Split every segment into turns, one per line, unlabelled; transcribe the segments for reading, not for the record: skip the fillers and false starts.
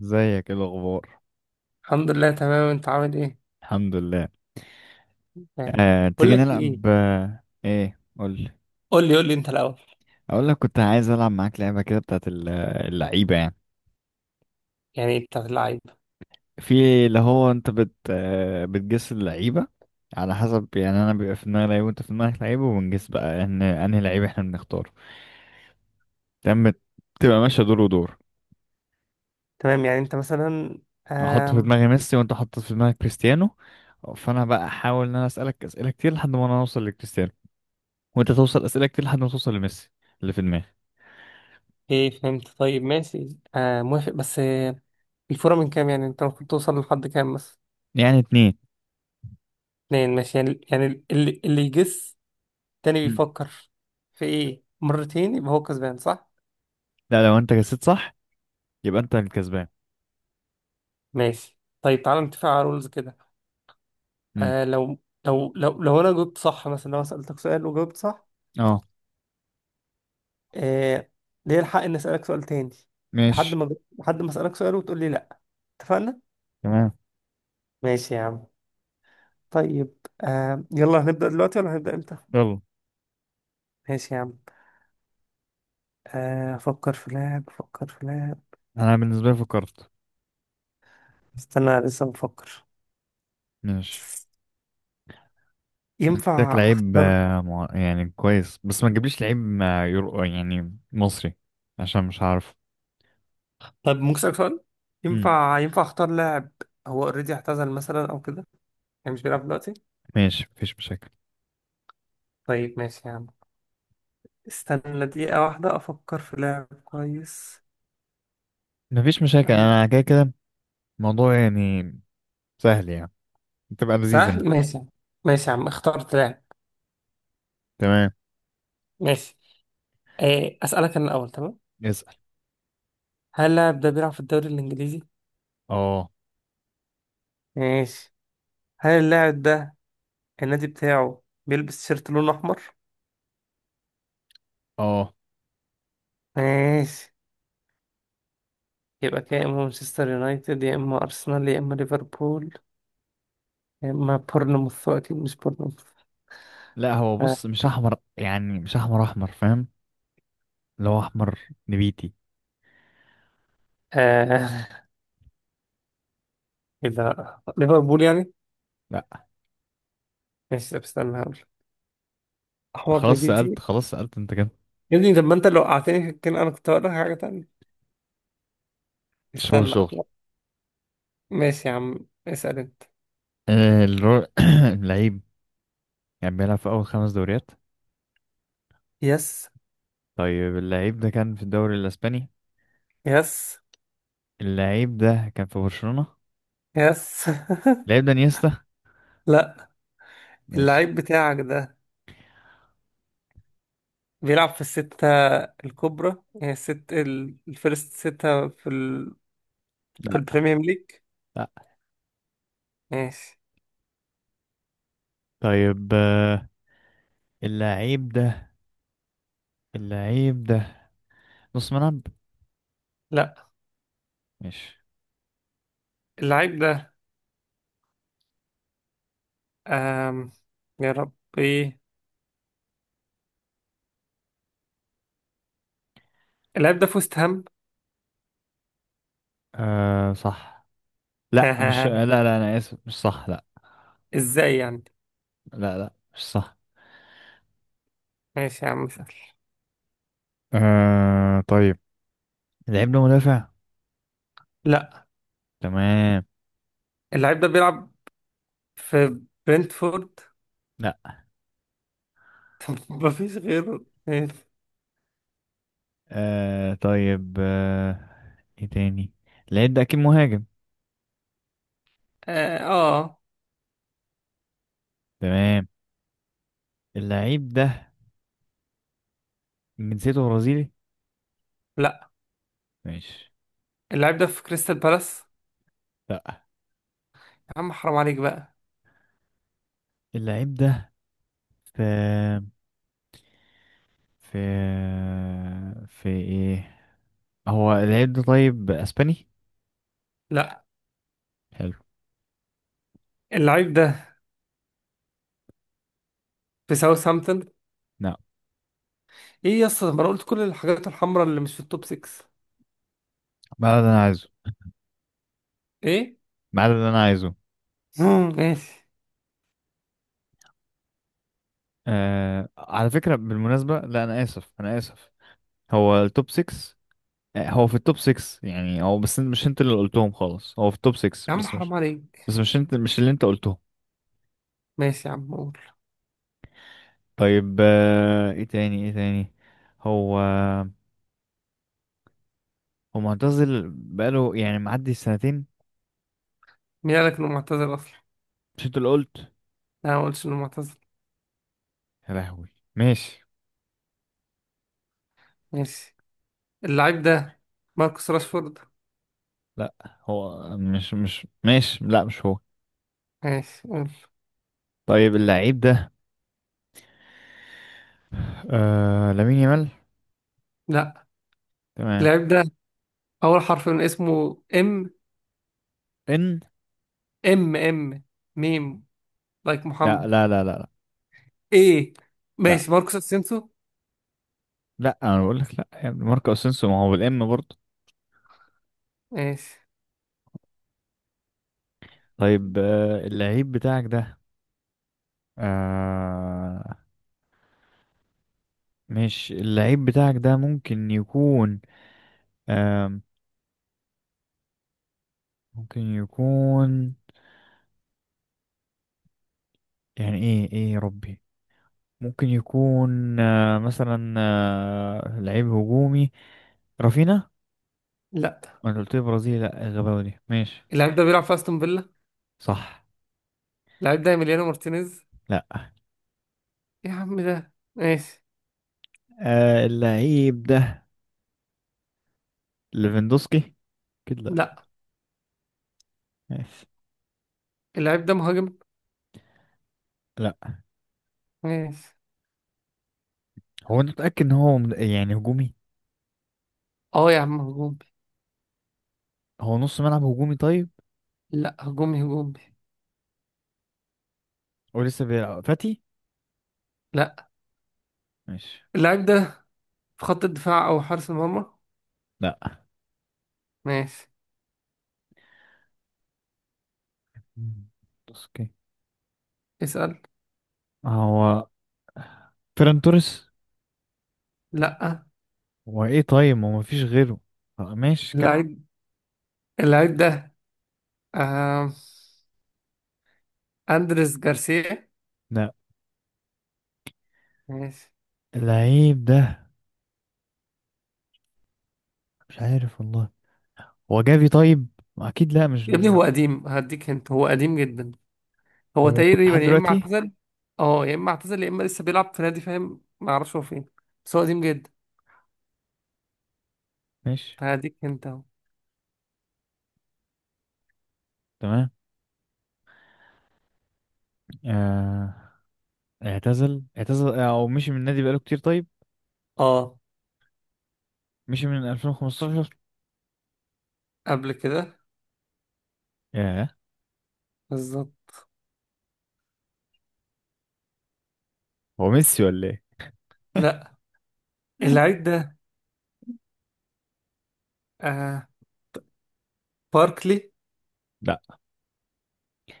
ازيك؟ ايه الاخبار؟
الحمد لله تمام. انت عامل ايه؟
الحمد لله.
تمام. بقول
تيجي
لك ايه؟
نلعب. ايه، قول.
قول لي قول لي انت الاول.
اقول لك، كنت عايز العب معاك لعبه كده بتاعت اللعيبه يعني.
يعني بتاع اللعيب.
في اللي هو انت بت آه، بتجس اللعيبه، على حسب. يعني انا بيبقى في دماغي لعيب، وانت في دماغك لعيب، وبنجس بقى ان انهي لعيب احنا بنختاره. تمام. بتبقى ماشيه دور ودور.
تمام، يعني انت مثلا
احط في
آم...
دماغي ميسي، وانت حط في دماغك كريستيانو، فانا بقى احاول ان انا اسالك اسئله كتير لحد ما انا اوصل لكريستيانو، وانت توصل اسئله كتير لحد ما توصل لميسي اللي في دماغي.
ايه فهمت. طيب ماشي. آه، موافق بس الفورة من كام؟ يعني انت المفروض توصل لحد كام بس؟
يعني اتنين.
2 ماشي. يعني اللي يجس تاني بيفكر في ايه مرتين، يبقى هو كسبان صح؟
لا، لو انت جسيت صح يبقى انت الكسبان.
ماشي. طيب تعالى نتفق على رولز كده.
امم.
آه، لو انا جاوبت صح، مثلا لو انا سألتك سؤال وجاوبت صح.
اه،
آه، ليه الحق إني أسألك سؤال تاني. لحد
ماشي.
ما لحد ما أسألك سؤال وتقول لي لأ. اتفقنا؟
تمام.
ماشي يا عم. طيب يلا هنبدأ دلوقتي ولا هنبدأ إمتى؟
يلا.
ماشي يا عم. أفكر في لاعب، أفكر في لاعب.
انا بالنسبه لي فكرت.
استنى، لسه بفكر.
ماشي. أنا جبت لك
ينفع
لعيب
أختار؟
يعني كويس، بس ما تجيبليش لعيب يرو يعني مصري، عشان مش عارف.
طب ممكن أسألك سؤال؟
امم.
ينفع أختار لاعب؟ هو أوريدي اعتزل مثلا أو كده؟ يعني مش بيلعب دلوقتي؟
ماشي، مفيش مشاكل.
طيب ماشي يا عم. استنى دقيقة واحدة أفكر في لاعب كويس.
مفيش مشاكل،
آه،
انا كده كده الموضوع يعني سهل يعني، تبقى لذيذة يعني.
سهل ماشي. ماشي يا عم، اخترت لاعب.
تمام.
ماشي. إيه أسألك أنا الأول؟ تمام.
اسأل.
هل اللاعب ده بيلعب في الدوري الإنجليزي؟
اه.
ماشي. هل اللاعب ده النادي بتاعه بيلبس شيرت لونه أحمر؟
اه.
ماشي. يبقى كده، يا إما مانشستر يونايتد يا إما أرسنال يا إما ليفربول يا إما بورنموث. أكيد مش بورنموث.
لا، هو
آه.
بص مش احمر، يعني مش احمر احمر، فاهم؟ اللي هو احمر نبيتي.
آه. إذا ليفربول يعني؟
لا.
ماشي. طب استنى هقول. أحمر
خلاص سألت،
نبيتي.
خلاص سألت انت كده.
يا ابني طب ما أنت لو قعدتني كان أنا كنت هقول لك حاجة تانية.
شغل،
استنى،
شغل.
أحمر. ماشي يا عم. اسأل أنت.
آه، الر- اللعيب كان بيلعب في أول خمس دوريات.
يس.
طيب، اللعيب ده كان في الدوري الأسباني.
يس.
اللعيب ده كان في برشلونة.
يس
اللعيب ده نيستا.
لا.
ماشي.
اللعيب بتاعك ده بيلعب في الستة الكبرى، يعني الست الفيرست 6 في
لا
البريمير ليج.
لا.
ماشي.
طيب، اللعيب ده اللعيب ده نص ملعب.
لا.
ماشي.
اللعيب ده أم... يا ربي، اللعيب ده في وست هام.
آه صح. لا، مش لا لا، أنا آسف، مش صح. لا
ازاي يعني؟
لا لا، مش صح.
ماشي يا عم سهل.
آه طيب، اللعيب ده مدافع.
لا.
تمام.
اللعيب ده بيلعب في برنتفورد؟
لا.
مفيش غيره. ماشي.
آه طيب، آه، ايه تاني؟ اللعيب ده أكيد مهاجم.
اه، آه.
تمام. اللعيب ده من جنسيته برازيلي.
لا.
ماشي.
اللعيب ده في كريستال بالاس؟
لا.
يا عم حرام عليك بقى.
اللعيب ده في في في ايه؟ هو اللعيب ده طيب اسباني؟
لا.
حلو.
اللعيب ده في ساوثهامبتون؟
لا،
ايه يا اسطى، ما انا قلت كل الحاجات الحمراء اللي مش في التوب 6.
ما ده اللي انا عايزه.
ايه؟
ما ده اللي انا عايزه.
مم، ماشي.
آه، على فكرة، بالمناسبة، لا انا اسف، انا اسف. هو التوب 6؟ هو في التوب 6، يعني هو، بس مش انت اللي قلتهم خالص. هو في التوب 6،
يا عم
بس مش،
حرام عليك.
بس مش انت، مش اللي انت قلتهم.
ماشي يا عم، قول.
طيب آه، ايه تاني؟ ايه تاني؟ هو هو معتزل بقاله يعني معدي السنتين.
مين قالك انه معتزل اصلا؟
مش انت اللي قلت؟
انا ما قلتش انه معتزل.
يا لهوي. ماشي.
ماشي. اللاعب ده ماركوس راشفورد؟
لا، هو مش، مش ماشي، لا مش هو.
ماشي، قول.
طيب اللعيب ده آه، لامين يامال.
لا.
تمام.
اللاعب ده اول حرف من اسمه ام؟
ان.
ام ام، ميم لايك
لا
محمد.
لا لا لا لا.
ايه؟
لا
ماشي. ماركوس اسينسو؟
لا، انا بقول لك لا يا ابني، ماركو اسينسيو ما هو بالام برضه.
ماشي.
طيب آه، اللعيب بتاعك ده آه مش اللعيب بتاعك ده ممكن يكون آه ممكن يكون، يعني ايه، ايه يا ربي؟ ممكن يكون مثلا لعيب هجومي، رافينا.
لا.
ما أنا قلت لي برازيلي، لا غباوي دي. ماشي.
اللاعب ده بيلعب في استون فيلا؟
صح.
اللاعب ده ايميليانو مارتينيز؟
لا.
إيه يا عم، ده ماشي.
آه، اللعيب ده ليفاندوسكي، كده. لا.
لا.
ماشي.
اللاعب ده مهاجم؟
لا.
ماشي.
هو انت متأكد ان هو يعني هجومي؟
اه يا عم، هجومي.
هو نص ملعب هجومي طيب؟
لا، هجومي هجومي.
هو لسه بيلعب فاتي؟
لا.
ماشي.
اللاعب ده في خط الدفاع او حارس المرمى؟
لا.
ماشي.
ليفاندوسكي.
اسأل.
هو فيران توريس؟
لا.
هو ايه طيب؟ ما هو مفيش غيره. آه، ماشي كم.
اللاعب اللاعب ده آه... اندريس جارسيا؟
لا.
ماشي.
اللعيب ده، مش عارف والله. هو جافي طيب؟ اكيد لا، مش
يا ابني، هو قديم. هديك انت، هو قديم جدا.
هو.
هو
موجود
تقريبا
لحد
يا اما
دلوقتي؟
اعتزل. اه، يا اما اعتزل يا اما لسه بيلعب في نادي، فاهم، ما اعرفش هو فين. بس هو قديم جدا.
ماشي.
هديك انت اهو.
تمام. آه... اعتزل، اعتزل او مشي من النادي بقاله كتير طيب؟
اه.
مشي من 2015.
قبل كده.
ياه.
بالظبط.
هو ميسي ولا ايه؟
لا. اللاعب ده آه... باركلي؟
لا.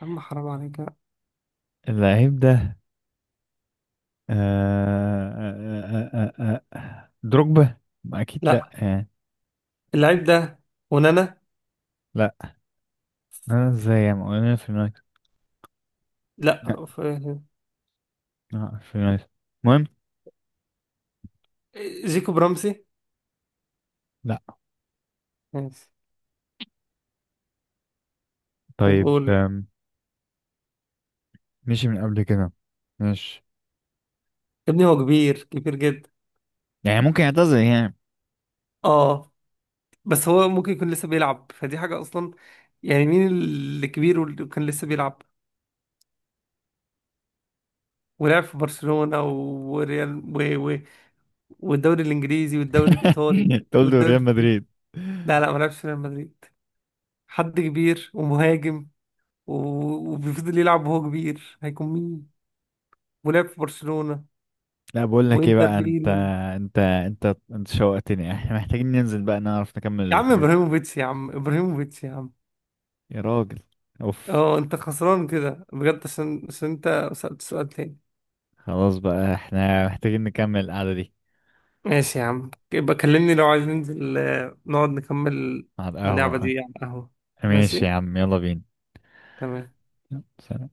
اما حرام عليك.
اللعيب ده آه... دروجبا. ما اكيد لا
لا.
يعني.
اللعيب ده ونانا؟
لا، انا ازاي يا عم، انا في اليونايتد. لا
لا
في اليونايتد، المهم.
جيكوب برمسي؟
لا.
ماشي. طب
طيب
قول.
مشي من قبل كده. ماشي.
يا ابني، هو كبير كبير جدا.
يعني ممكن يعتزل يعني.
اه. بس هو ممكن يكون لسه بيلعب فدي حاجة اصلا. يعني مين اللي كبير واللي كان لسه بيلعب ولعب في برشلونة وريال و... و... والدوري الانجليزي والدوري الايطالي
انت قلت
والدوري
ريال
الفرنسي؟
مدريد.
لا، لا، ما لعبش في ريال مدريد. حد كبير ومهاجم و... وبيفضل يلعب وهو كبير، هيكون مين؟ ولعب في برشلونة
لا، بقول لك ايه
وانتر
بقى انت،
ميلان.
انت شوقتني، احنا محتاجين ننزل بقى، نعرف نكمل
يا عم
الحاجات دي.
ابراهيموفيتش، يا عم ابراهيموفيتش، يا عم!
يا راجل، اوف.
اه، انت خسران كده بجد، عشان انت سألت سؤال تاني.
خلاص بقى، احنا محتاجين نكمل القعدة دي.
ماشي يا عم، يبقى كلمني لو عايز ننزل، نقعد نكمل.
على
اللعبة
القهوة.
دي على القهوة.
ماشي يا
ماشي.
عم، يلا بينا.
تمام.
يلا، سلام.